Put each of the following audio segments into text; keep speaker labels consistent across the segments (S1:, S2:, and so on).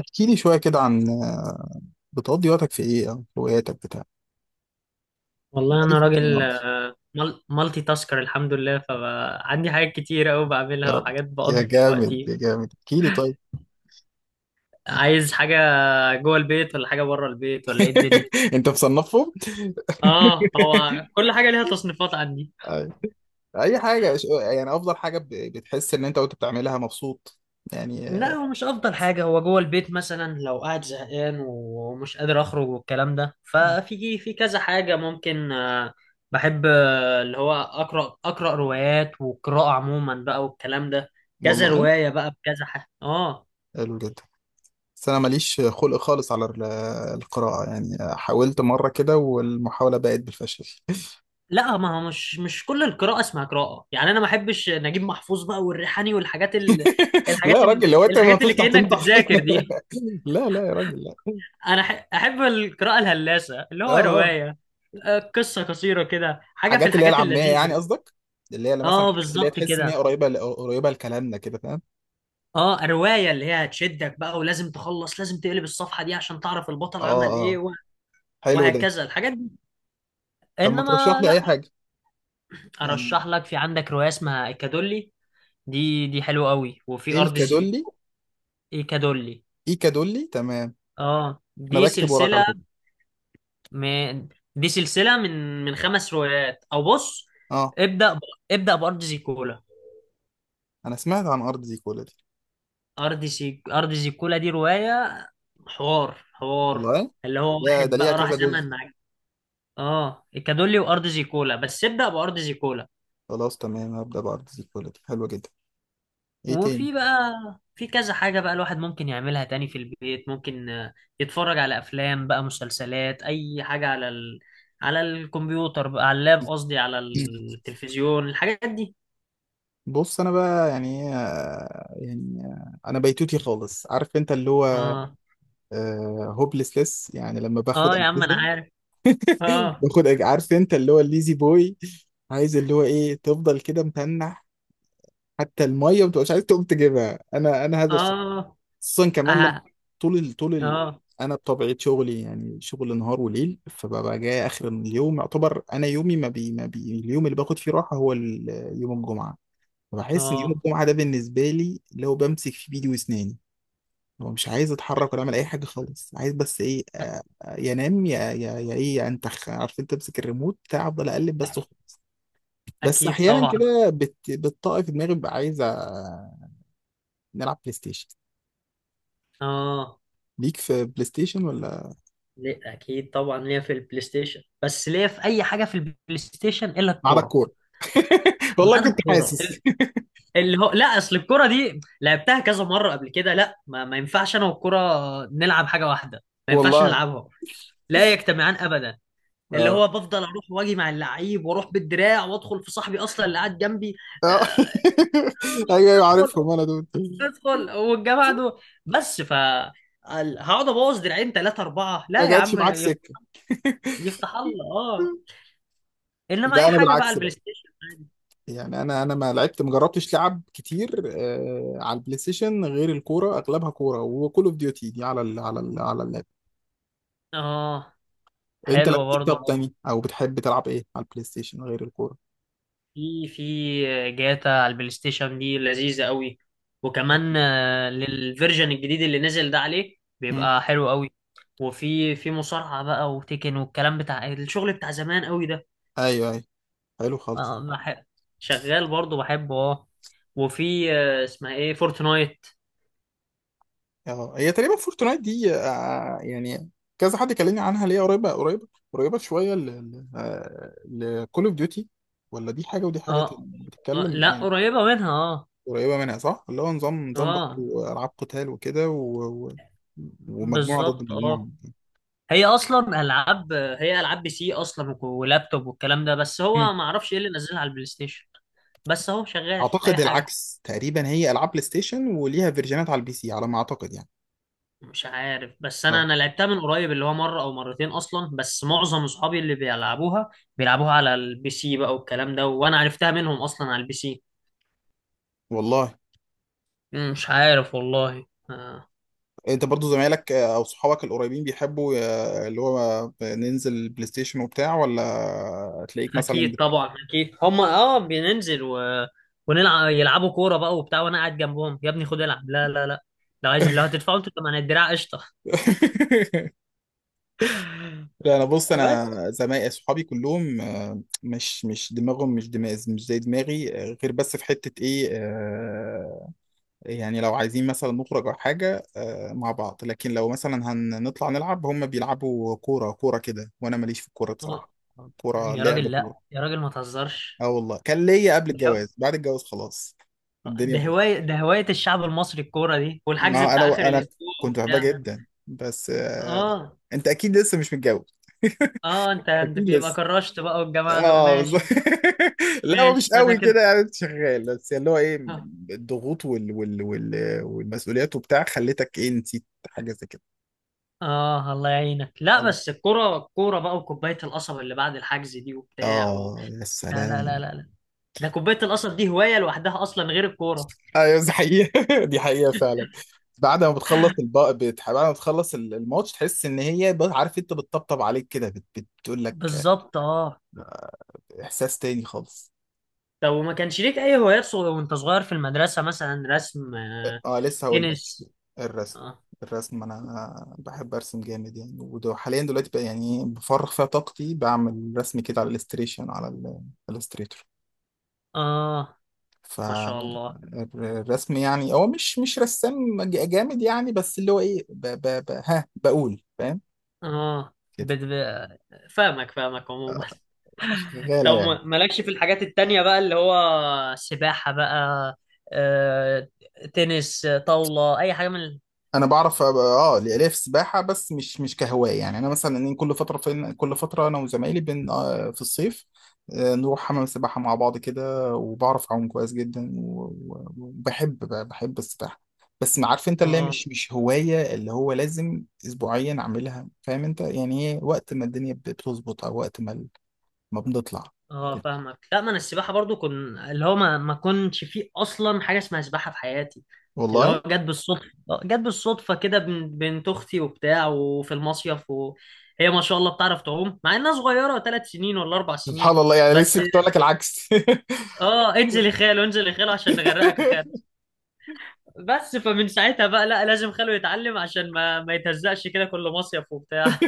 S1: احكي لي شوية كده عن بتقضي وقتك في ايه او هواياتك بتاع.
S2: والله
S1: بقالي
S2: انا
S1: فترة ما
S2: راجل
S1: اعرفش.
S2: مالتي تاسكر، الحمد لله. فعندي حاجات كتير قوي
S1: يا
S2: بعملها
S1: راجل،
S2: وحاجات
S1: يا
S2: بقضي فيها
S1: جامد
S2: وقتي.
S1: يا جامد، احكي لي طيب.
S2: عايز حاجه جوه البيت ولا حاجه بره البيت ولا ايه الدنيا؟
S1: انت مصنفهم؟
S2: اه، هو كل حاجه ليها تصنيفات عندي.
S1: اي اي حاجة يعني افضل حاجة بتحس ان انت وانت بتعملها مبسوط، يعني
S2: لا، هو مش افضل حاجه، هو جوه البيت مثلا، لو قاعد زهقان ومش قادر اخرج والكلام ده ففي في كذا حاجه ممكن. بحب اللي هو اقرا روايات والقراءه عموما بقى والكلام ده. كذا
S1: والله
S2: روايه بقى بكذا حاجه اه.
S1: حلو جدا. بس انا ماليش خلق خالص على القراءة يعني، حاولت مرة كده والمحاولة بقت بالفشل.
S2: لا، ما هو مش كل القراءة اسمها قراءة يعني. انا ما احبش نجيب محفوظ بقى والريحاني والحاجات
S1: لا يا راجل، لو انت ما
S2: الحاجات اللي
S1: تفتح
S2: كأنك
S1: تنطح.
S2: بتذاكر دي.
S1: لا يا راجل، لا.
S2: انا احب القراءة الهلاسة اللي
S1: اه
S2: هو
S1: اه
S2: رواية، قصة قصيرة كده، حاجة في
S1: حاجات اللي هي
S2: الحاجات
S1: العاميه
S2: اللذيذة
S1: يعني
S2: دي.
S1: قصدك، اللي هي اللي مثلا
S2: اه،
S1: حاجات اللي هي
S2: بالظبط
S1: تحس ان هي
S2: كده.
S1: قريبه لكلامنا كده، فاهم؟
S2: اه، رواية اللي هي هتشدك بقى، ولازم تخلص، لازم تقلب الصفحة دي عشان تعرف البطل
S1: اه
S2: عمل ايه،
S1: اه حلو ده.
S2: وهكذا الحاجات دي.
S1: طب ما ترشح
S2: انما
S1: لي
S2: لا.
S1: اي حاجه يعني.
S2: ارشح لك، في عندك رواية اسمها ايكادولي، دي حلوة قوي، وفي
S1: ايه
S2: ارض
S1: الكادولي؟
S2: ايكادولي.
S1: ايه، كادولي، تمام.
S2: اه،
S1: انا
S2: دي
S1: بكتب وراك على
S2: سلسلة
S1: فكره.
S2: من، دي سلسلة من خمس روايات، او بص،
S1: اه،
S2: ابدأ ب... ابدأ بأرض زيكولا.
S1: انا سمعت عن ارض زيكولا دي.
S2: أرض زيكولا دي رواية حوار حوار،
S1: والله،
S2: اللي هو
S1: يا ده
S2: واحد
S1: ليها
S2: بقى راح
S1: كذا جزء!
S2: زمن اه، الكادولي وأرض زيكولا، بس ابدأ بأرض زيكولا.
S1: خلاص تمام، هبدا بارض زيكولا دي، حلوه جدا. ايه تاني؟
S2: وفي بقى في كذا حاجة بقى الواحد ممكن يعملها تاني في البيت، ممكن يتفرج على أفلام بقى، مسلسلات، أي حاجة على على الكمبيوتر بقى، على اللاب قصدي، على
S1: مم.
S2: التلفزيون، الحاجات دي.
S1: بص انا بقى يعني يعني انا بيتوتي خالص، عارف انت اللي هو
S2: اه.
S1: هوبلسلس، يعني لما باخد
S2: اه، يا عم انا
S1: اجهزه،
S2: عارف. اه.
S1: عارف انت اللي هو الليزي بوي، عايز اللي هو ايه، تفضل كده متنح، حتى الميه ما تبقاش عايز تقوم تجيبها. انا هذا الشخص،
S2: اه.
S1: خصوصا كمان لما
S2: اه.
S1: طول ال... طول ال...
S2: اه.
S1: انا بطبيعه شغلي يعني شغل نهار وليل، فببقى جاي اخر اليوم. يعتبر انا يومي ما بي... ما بي... اليوم اللي باخد فيه راحه هو يوم الجمعه. فبحس ان يوم
S2: اه.
S1: الجمعه ده بالنسبه لي لو بمسك في بيدي واسناني، هو مش عايز يتحرك ولا يعمل اي حاجه خالص، عايز بس ايه، ينام، يا انتخ، عارف انت، تمسك الريموت بتاع، افضل اقلب بس وخلاص. بس
S2: اكيد
S1: احيانا
S2: طبعا.
S1: كده بتطاقي في دماغي، ببقى عايز نلعب بلاي ستيشن.
S2: اه.
S1: ليك في بلاي ستيشن ولا؟
S2: ليه، اكيد طبعا ليا في البلاي ستيشن، بس ليا في اي حاجه في البلاي ستيشن الا
S1: ما عدا
S2: الكوره.
S1: الكوره. والله
S2: ما انا
S1: كنت
S2: الكوره
S1: حاسس.
S2: ال- اللي هو لا، اصل الكوره دي لعبتها كذا مره قبل كده. لا، ما ينفعش انا والكوره نلعب حاجه واحده، ما ينفعش
S1: والله.
S2: نلعبها. لا يجتمعان ابدا. اللي
S1: اه
S2: هو بفضل اروح واجي مع اللعيب، واروح بالدراع وادخل في صاحبي اصلا اللي قاعد جنبي.
S1: اه.
S2: آه،
S1: ايوه ايوه،
S2: ادخل،
S1: عارفهم انا دول.
S2: ادخل والجا بعده. بس ف هقعد ابوظ دراعين ثلاثه اربعه.
S1: ما
S2: لا يا
S1: جاتش
S2: عم،
S1: معاك سكه؟
S2: يفتح الله، اه. انما
S1: لا
S2: اي
S1: انا
S2: حاجه بقى،
S1: بالعكس
S2: البلاي
S1: بقى،
S2: ستيشن عادي.
S1: يعني انا ما لعبت ما جربتش لعب كتير على البلاي ستيشن غير الكوره، اغلبها كوره، وكول اوف ديوتي دي على ال على ال على اللاب.
S2: اه،
S1: انت
S2: حلوه
S1: لعبت إيه
S2: برضه
S1: طب
S2: اه.
S1: تاني؟ او بتحب تلعب ايه على البلاي ستيشن غير الكوره؟
S2: في جاتا على البلاي ستيشن دي لذيذه قوي. وكمان للفيرجن الجديد اللي نزل ده، عليه
S1: امم.
S2: بيبقى حلو قوي. وفي مصارعه بقى وتيكن والكلام، بتاع الشغل بتاع زمان قوي ده.
S1: ايوه ايوه، حلو خالص.
S2: اه، بحب، شغال برضه بحبه اه. وفي اسمها ايه، فورتنايت.
S1: اه، هي تقريبا فورتنايت دي يعني، كذا حد كلمني عنها، ليه قريبه قريبه شويه لكول اوف ديوتي؟ ولا دي حاجه ودي حاجه
S2: اه.
S1: تاني؟ بتتكلم
S2: لا،
S1: يعني.
S2: قريبة منها اه.
S1: قريبه منها صح، اللي هو نظام، برضه
S2: اه،
S1: العاب قتال وكده، ومجموعه ضد
S2: بالظبط اه.
S1: مجموعه.
S2: هي اصلا العاب، هي العاب بي سي اصلا ولابتوب والكلام ده، بس هو
S1: مم.
S2: ما اعرفش ايه اللي نزلها على البلاي ستيشن. بس هو شغال اي
S1: اعتقد
S2: حاجة.
S1: العكس تقريبا، هي العاب بلاي ستيشن وليها فيرجنات على البي سي، على ما اعتقد يعني.
S2: مش عارف، بس انا
S1: اه
S2: انا لعبتها من قريب، اللي هو مرة او مرتين اصلا، بس معظم اصحابي اللي بيلعبوها بيلعبوها على البي سي بقى والكلام ده، وانا عرفتها منهم اصلا على البي سي.
S1: والله.
S2: مش عارف والله.
S1: انت برضو زمايلك او صحابك القريبين بيحبوا اللي هو ننزل بلاي ستيشن وبتاع، ولا تلاقيك مثلا
S2: اكيد طبعا، اكيد هم اه، بننزل ونلعب، يلعبوا كوره بقى وبتاع، وانا قاعد جنبهم، يا ابني خد العب، لا لا لا، لو عايز، لو هتدفعوا انتوا كمان الدراع، قشطه.
S1: لا انا، بص
S2: بس
S1: انا زمايلي صحابي كلهم مش دماغهم، مش زي دماغي، غير بس في حتة ايه، يعني لو عايزين مثلا نخرج أو حاجة، مع بعض. لكن لو مثلا هنطلع نلعب، هم بيلعبوا كورة كورة كده، وأنا ماليش في الكورة
S2: آه،
S1: بصراحة. كورة
S2: يا
S1: لعب
S2: راجل،
S1: كورة.
S2: لا يا راجل، ما تهزرش.
S1: اه والله، كان ليا قبل
S2: ده
S1: الجواز، بعد الجواز خلاص الدنيا باظت.
S2: ده هوايه الشعب المصري، الكوره دي، والحجز
S1: ما
S2: بتاع
S1: أنا
S2: اخر
S1: أنا
S2: الاسبوع
S1: كنت بحبها
S2: وبتاع.
S1: جدا، بس
S2: اه،
S1: أنت أكيد لسه مش متجوز.
S2: اه، انت انت
S1: أكيد
S2: يبقى
S1: لسه.
S2: كرشت بقى، والجماعه دول
S1: اه بالظبط.
S2: ماشي.
S1: لا هو مش
S2: ماشي انا
S1: قوي كده
S2: كده
S1: يعني، شغال بس اللي هو ايه،
S2: اه.
S1: الضغوط والمسؤوليات وبتاع، خلتك ايه، نسيت حاجه زي
S2: الله يعينك. لا،
S1: كده.
S2: بس الكوره، الكوره بقى، وكوبايه القصب اللي بعد الحجز دي وبتاع.
S1: اه يا
S2: لا لا لا لا
S1: سلام.
S2: لا. ده كوباية القصب دي هواية لوحدها أصلا غير الكورة.
S1: ايوه دي حقيقة. دي حقيقة فعلا. بعد ما بتخلص الماتش، تحس ان هي عارف انت، بتطبطب عليك كده، بتقول لك،
S2: بالظبط اه.
S1: احساس تاني خالص.
S2: طب وما كانش ليك أي هوايات وأنت صغير في المدرسة، مثلا رسم،
S1: اه لسه هقول لك.
S2: تنس
S1: الرسم.
S2: آه.
S1: الرسم انا بحب ارسم جامد يعني، وحاليا دلوقتي بقى يعني بفرغ فيها طاقتي، بعمل رسم كده على الاستريشن، على الاستريتور.
S2: آه، ما شاء الله
S1: فالرسم يعني، هو مش مش رسام جامد يعني، بس اللي هو ايه، ها بقول، فاهم.
S2: آه، فاهمك فاهمك عموما. طب
S1: شغالة يعني.
S2: مالكش في الحاجات التانية بقى، اللي هو سباحة بقى، آه، تنس، طاولة، أي حاجة من
S1: أنا بعرف أه ليا في السباحة، بس مش مش كهواية يعني. أنا مثلا إن كل فترة، فين كل فترة، أنا وزمايلي بن آه، في الصيف نروح حمام السباحة مع بعض كده، وبعرف أعوم كويس جدا وبحب بحب السباحة. بس ما عارف أنت، اللي هي
S2: آه،
S1: مش مش هواية اللي هو لازم أسبوعيا أعملها، فاهم أنت يعني. هي وقت ما الدنيا بتظبط، أو وقت ما ما بنطلع
S2: اه،
S1: كده.
S2: فاهمك. لا، ما انا السباحه برضو كن، اللي هو ما كنتش فيه اصلا حاجه اسمها سباحه في حياتي. اللي هو
S1: والله.
S2: جت بالصدفه، جت بالصدفه كده، بنت اختي وبتاع وفي المصيف، وهي ما شاء الله بتعرف تعوم مع انها صغيره 3 سنين ولا 4 سنين.
S1: سبحان الله، يعني
S2: بس
S1: لسه كنت أقول لك العكس.
S2: اه، انزل يا خالو، انزل يا خالو عشان نغرقك يا خالو. بس فمن ساعتها بقى، لا، لازم خالو يتعلم عشان ما يتهزقش كده كل مصيف وبتاع.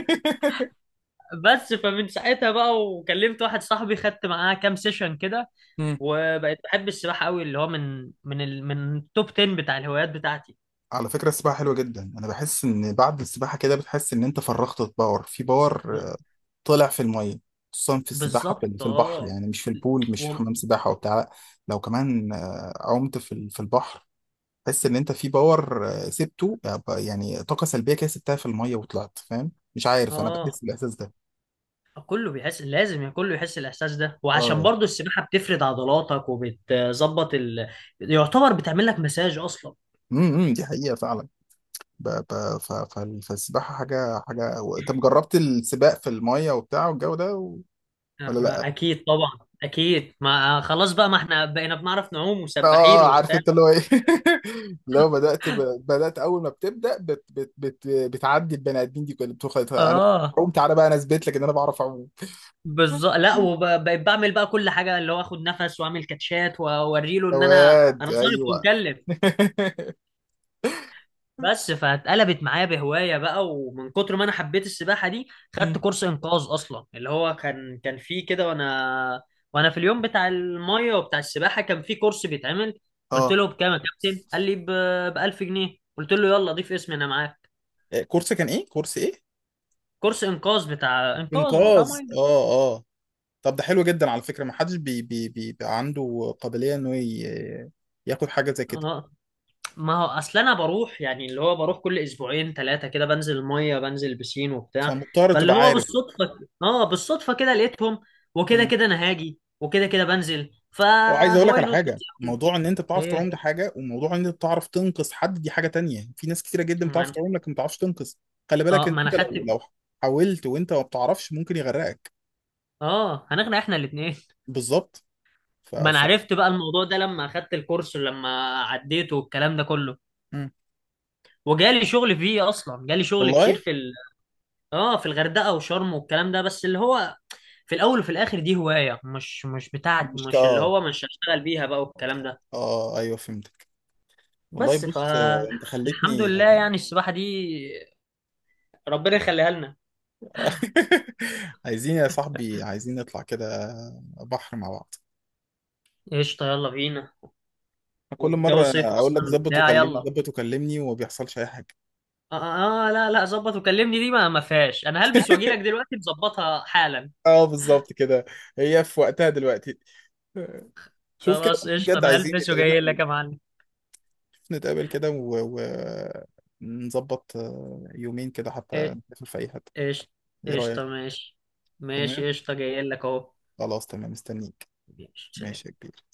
S2: بس فمن ساعتها بقى، وكلمت واحد صاحبي خدت معاه كام سيشن كده، وبقيت بحب السباحة قوي، اللي هو من من التوب 10 بتاع الهوايات بتاعتي.
S1: على فكرة السباحة حلوة جدا. أنا بحس إن بعد السباحة كده بتحس إن أنت فرغت باور في
S2: ب...
S1: باور، طلع في المية. خصوصا في السباحة في
S2: بالظبط
S1: البحر
S2: اه.
S1: يعني، مش في البول، مش في
S2: و...
S1: حمام سباحة وبتاع، لأ. لو كمان عمت في في البحر، تحس إن أنت في باور سبته، يعني طاقة سلبية كده سبتها في المية وطلعت، فاهم؟ مش عارف، أنا
S2: اه،
S1: بحس بالإحساس ده.
S2: كله بيحس، لازم يعني كله يحس الاحساس ده. وعشان
S1: آه.
S2: برضو السباحه بتفرد عضلاتك وبتظبط ال... يعتبر بتعمل لك مساج اصلا.
S1: إمم، دي حقيقة فعلا. ب- ب- ف- ف- فالسباحة حاجة حاجة. طب جربت السباق في المية وبتاع والجو ده و؟ ولا.
S2: اكيد طبعا، اكيد ما خلاص بقى، ما احنا بقينا بنعرف نعوم وسباحين
S1: اه عارف
S2: وبتاع.
S1: انت اللي هو ايه. لو بدات، اول ما بتبدا بتعدي البني ادمين دي كلها بتقول خلاص انا بعرف
S2: اه،
S1: اعوم، تعالى بقى انا اثبت لك ان انا بعرف اعوم.
S2: بالظبط. لا، وبقيت بعمل بقى كل حاجه، اللي هو اخد نفس واعمل كاتشات واوريله
S1: يا
S2: ان انا
S1: واد
S2: انا صارف
S1: ايوه.
S2: ومكلف. بس فاتقلبت معايا بهوايه بقى، ومن كتر ما انا حبيت السباحه دي
S1: مم.
S2: خدت كورس انقاذ اصلا، اللي هو كان فيه كده، وانا في اليوم بتاع الميه وبتاع السباحه كان فيه كورس بيتعمل. قلت
S1: اه.
S2: له بكام يا كابتن، قال لي ب 1000 جنيه، قلت له يلا ضيف اسمي انا معاك.
S1: إيه، كورس كان ايه؟ كورس ايه؟
S2: كورس انقاذ، بتاع انقاذ، بتاع
S1: انقاذ، اه اه. طب ده حلو جدا على فكره، ما حدش بي بي بيبقى عنده قابليه انه ياخد حاجه زي كده،
S2: ميه. ما هو اصل انا بروح يعني، اللي هو بروح كل اسبوعين ثلاثه كده، بنزل الميه، بنزل بسين وبتاع.
S1: فمضطر
S2: فاللي
S1: تبقى
S2: هو
S1: عارف.
S2: بالصدفه، اه بالصدفه كده، لقيتهم، وكده كده انا هاجي، وكده كده بنزل،
S1: وعايز اقول
S2: فهو
S1: لك على
S2: ينط.
S1: حاجه، موضوع ان انت بتعرف تعوم
S2: ايه،
S1: ده حاجه، وموضوع ان انت بتعرف تنقذ حد دي حاجه تانية. في ناس كتيره جدا
S2: ما
S1: بتعرف
S2: انا
S1: تعوم لكن ما بتعرفش تنقذ. خلي بالك
S2: اه
S1: ان
S2: ما انا
S1: انت لو
S2: خدت
S1: لو حاولت وانت ما بتعرفش، ممكن يغرقك.
S2: اه، هنغنى احنا الاثنين.
S1: بالظبط. ف...
S2: ما انا
S1: ف...
S2: عرفت بقى الموضوع ده لما اخدت الكورس ولما عديته والكلام ده كله.
S1: مم.
S2: وجالي شغل فيه اصلا، جالي شغل كتير
S1: والله.
S2: في اه في الغردقه وشرم والكلام ده، بس اللي هو في الاول وفي الاخر دي هوايه، مش بتاعت،
S1: مش كا
S2: مش اللي
S1: اه.
S2: هو مش هشتغل بيها بقى والكلام ده.
S1: ايوه فهمتك. والله
S2: بس
S1: بص، انت
S2: فالحمد
S1: خلتني.
S2: لله يعني السباحه دي، ربنا يخليها لنا.
S1: عايزين يا صاحبي، عايزين نطلع كده بحر مع بعض.
S2: قشطه، يلا بينا.
S1: كل
S2: والجو
S1: مره
S2: صيف
S1: اقول لك
S2: اصلا
S1: ظبط
S2: وبتاع،
S1: وكلمني،
S2: يلا.
S1: ظبط وكلمني، وما بيحصلش اي حاجه.
S2: لا لا، ظبط وكلمني دي ما فيهاش، انا هلبس واجي لك دلوقتي، نظبطها حالا.
S1: اه بالظبط كده، هي في وقتها دلوقتي، شوف كده.
S2: خلاص قشطه،
S1: بجد
S2: انا
S1: عايزين
S2: هلبس
S1: نتقابل،
S2: وجاي لك يا معلم.
S1: نتقابل كده ونظبط يومين كده، حتى
S2: إيه-
S1: نسافر في اي حته.
S2: قشطه،
S1: ايه رايك؟
S2: قشطه ماشي،
S1: تمام،
S2: ماشي قشطه، جاي لك اهو.
S1: خلاص تمام مستنيك.
S2: ماشي سلام.
S1: ماشي يا كبير.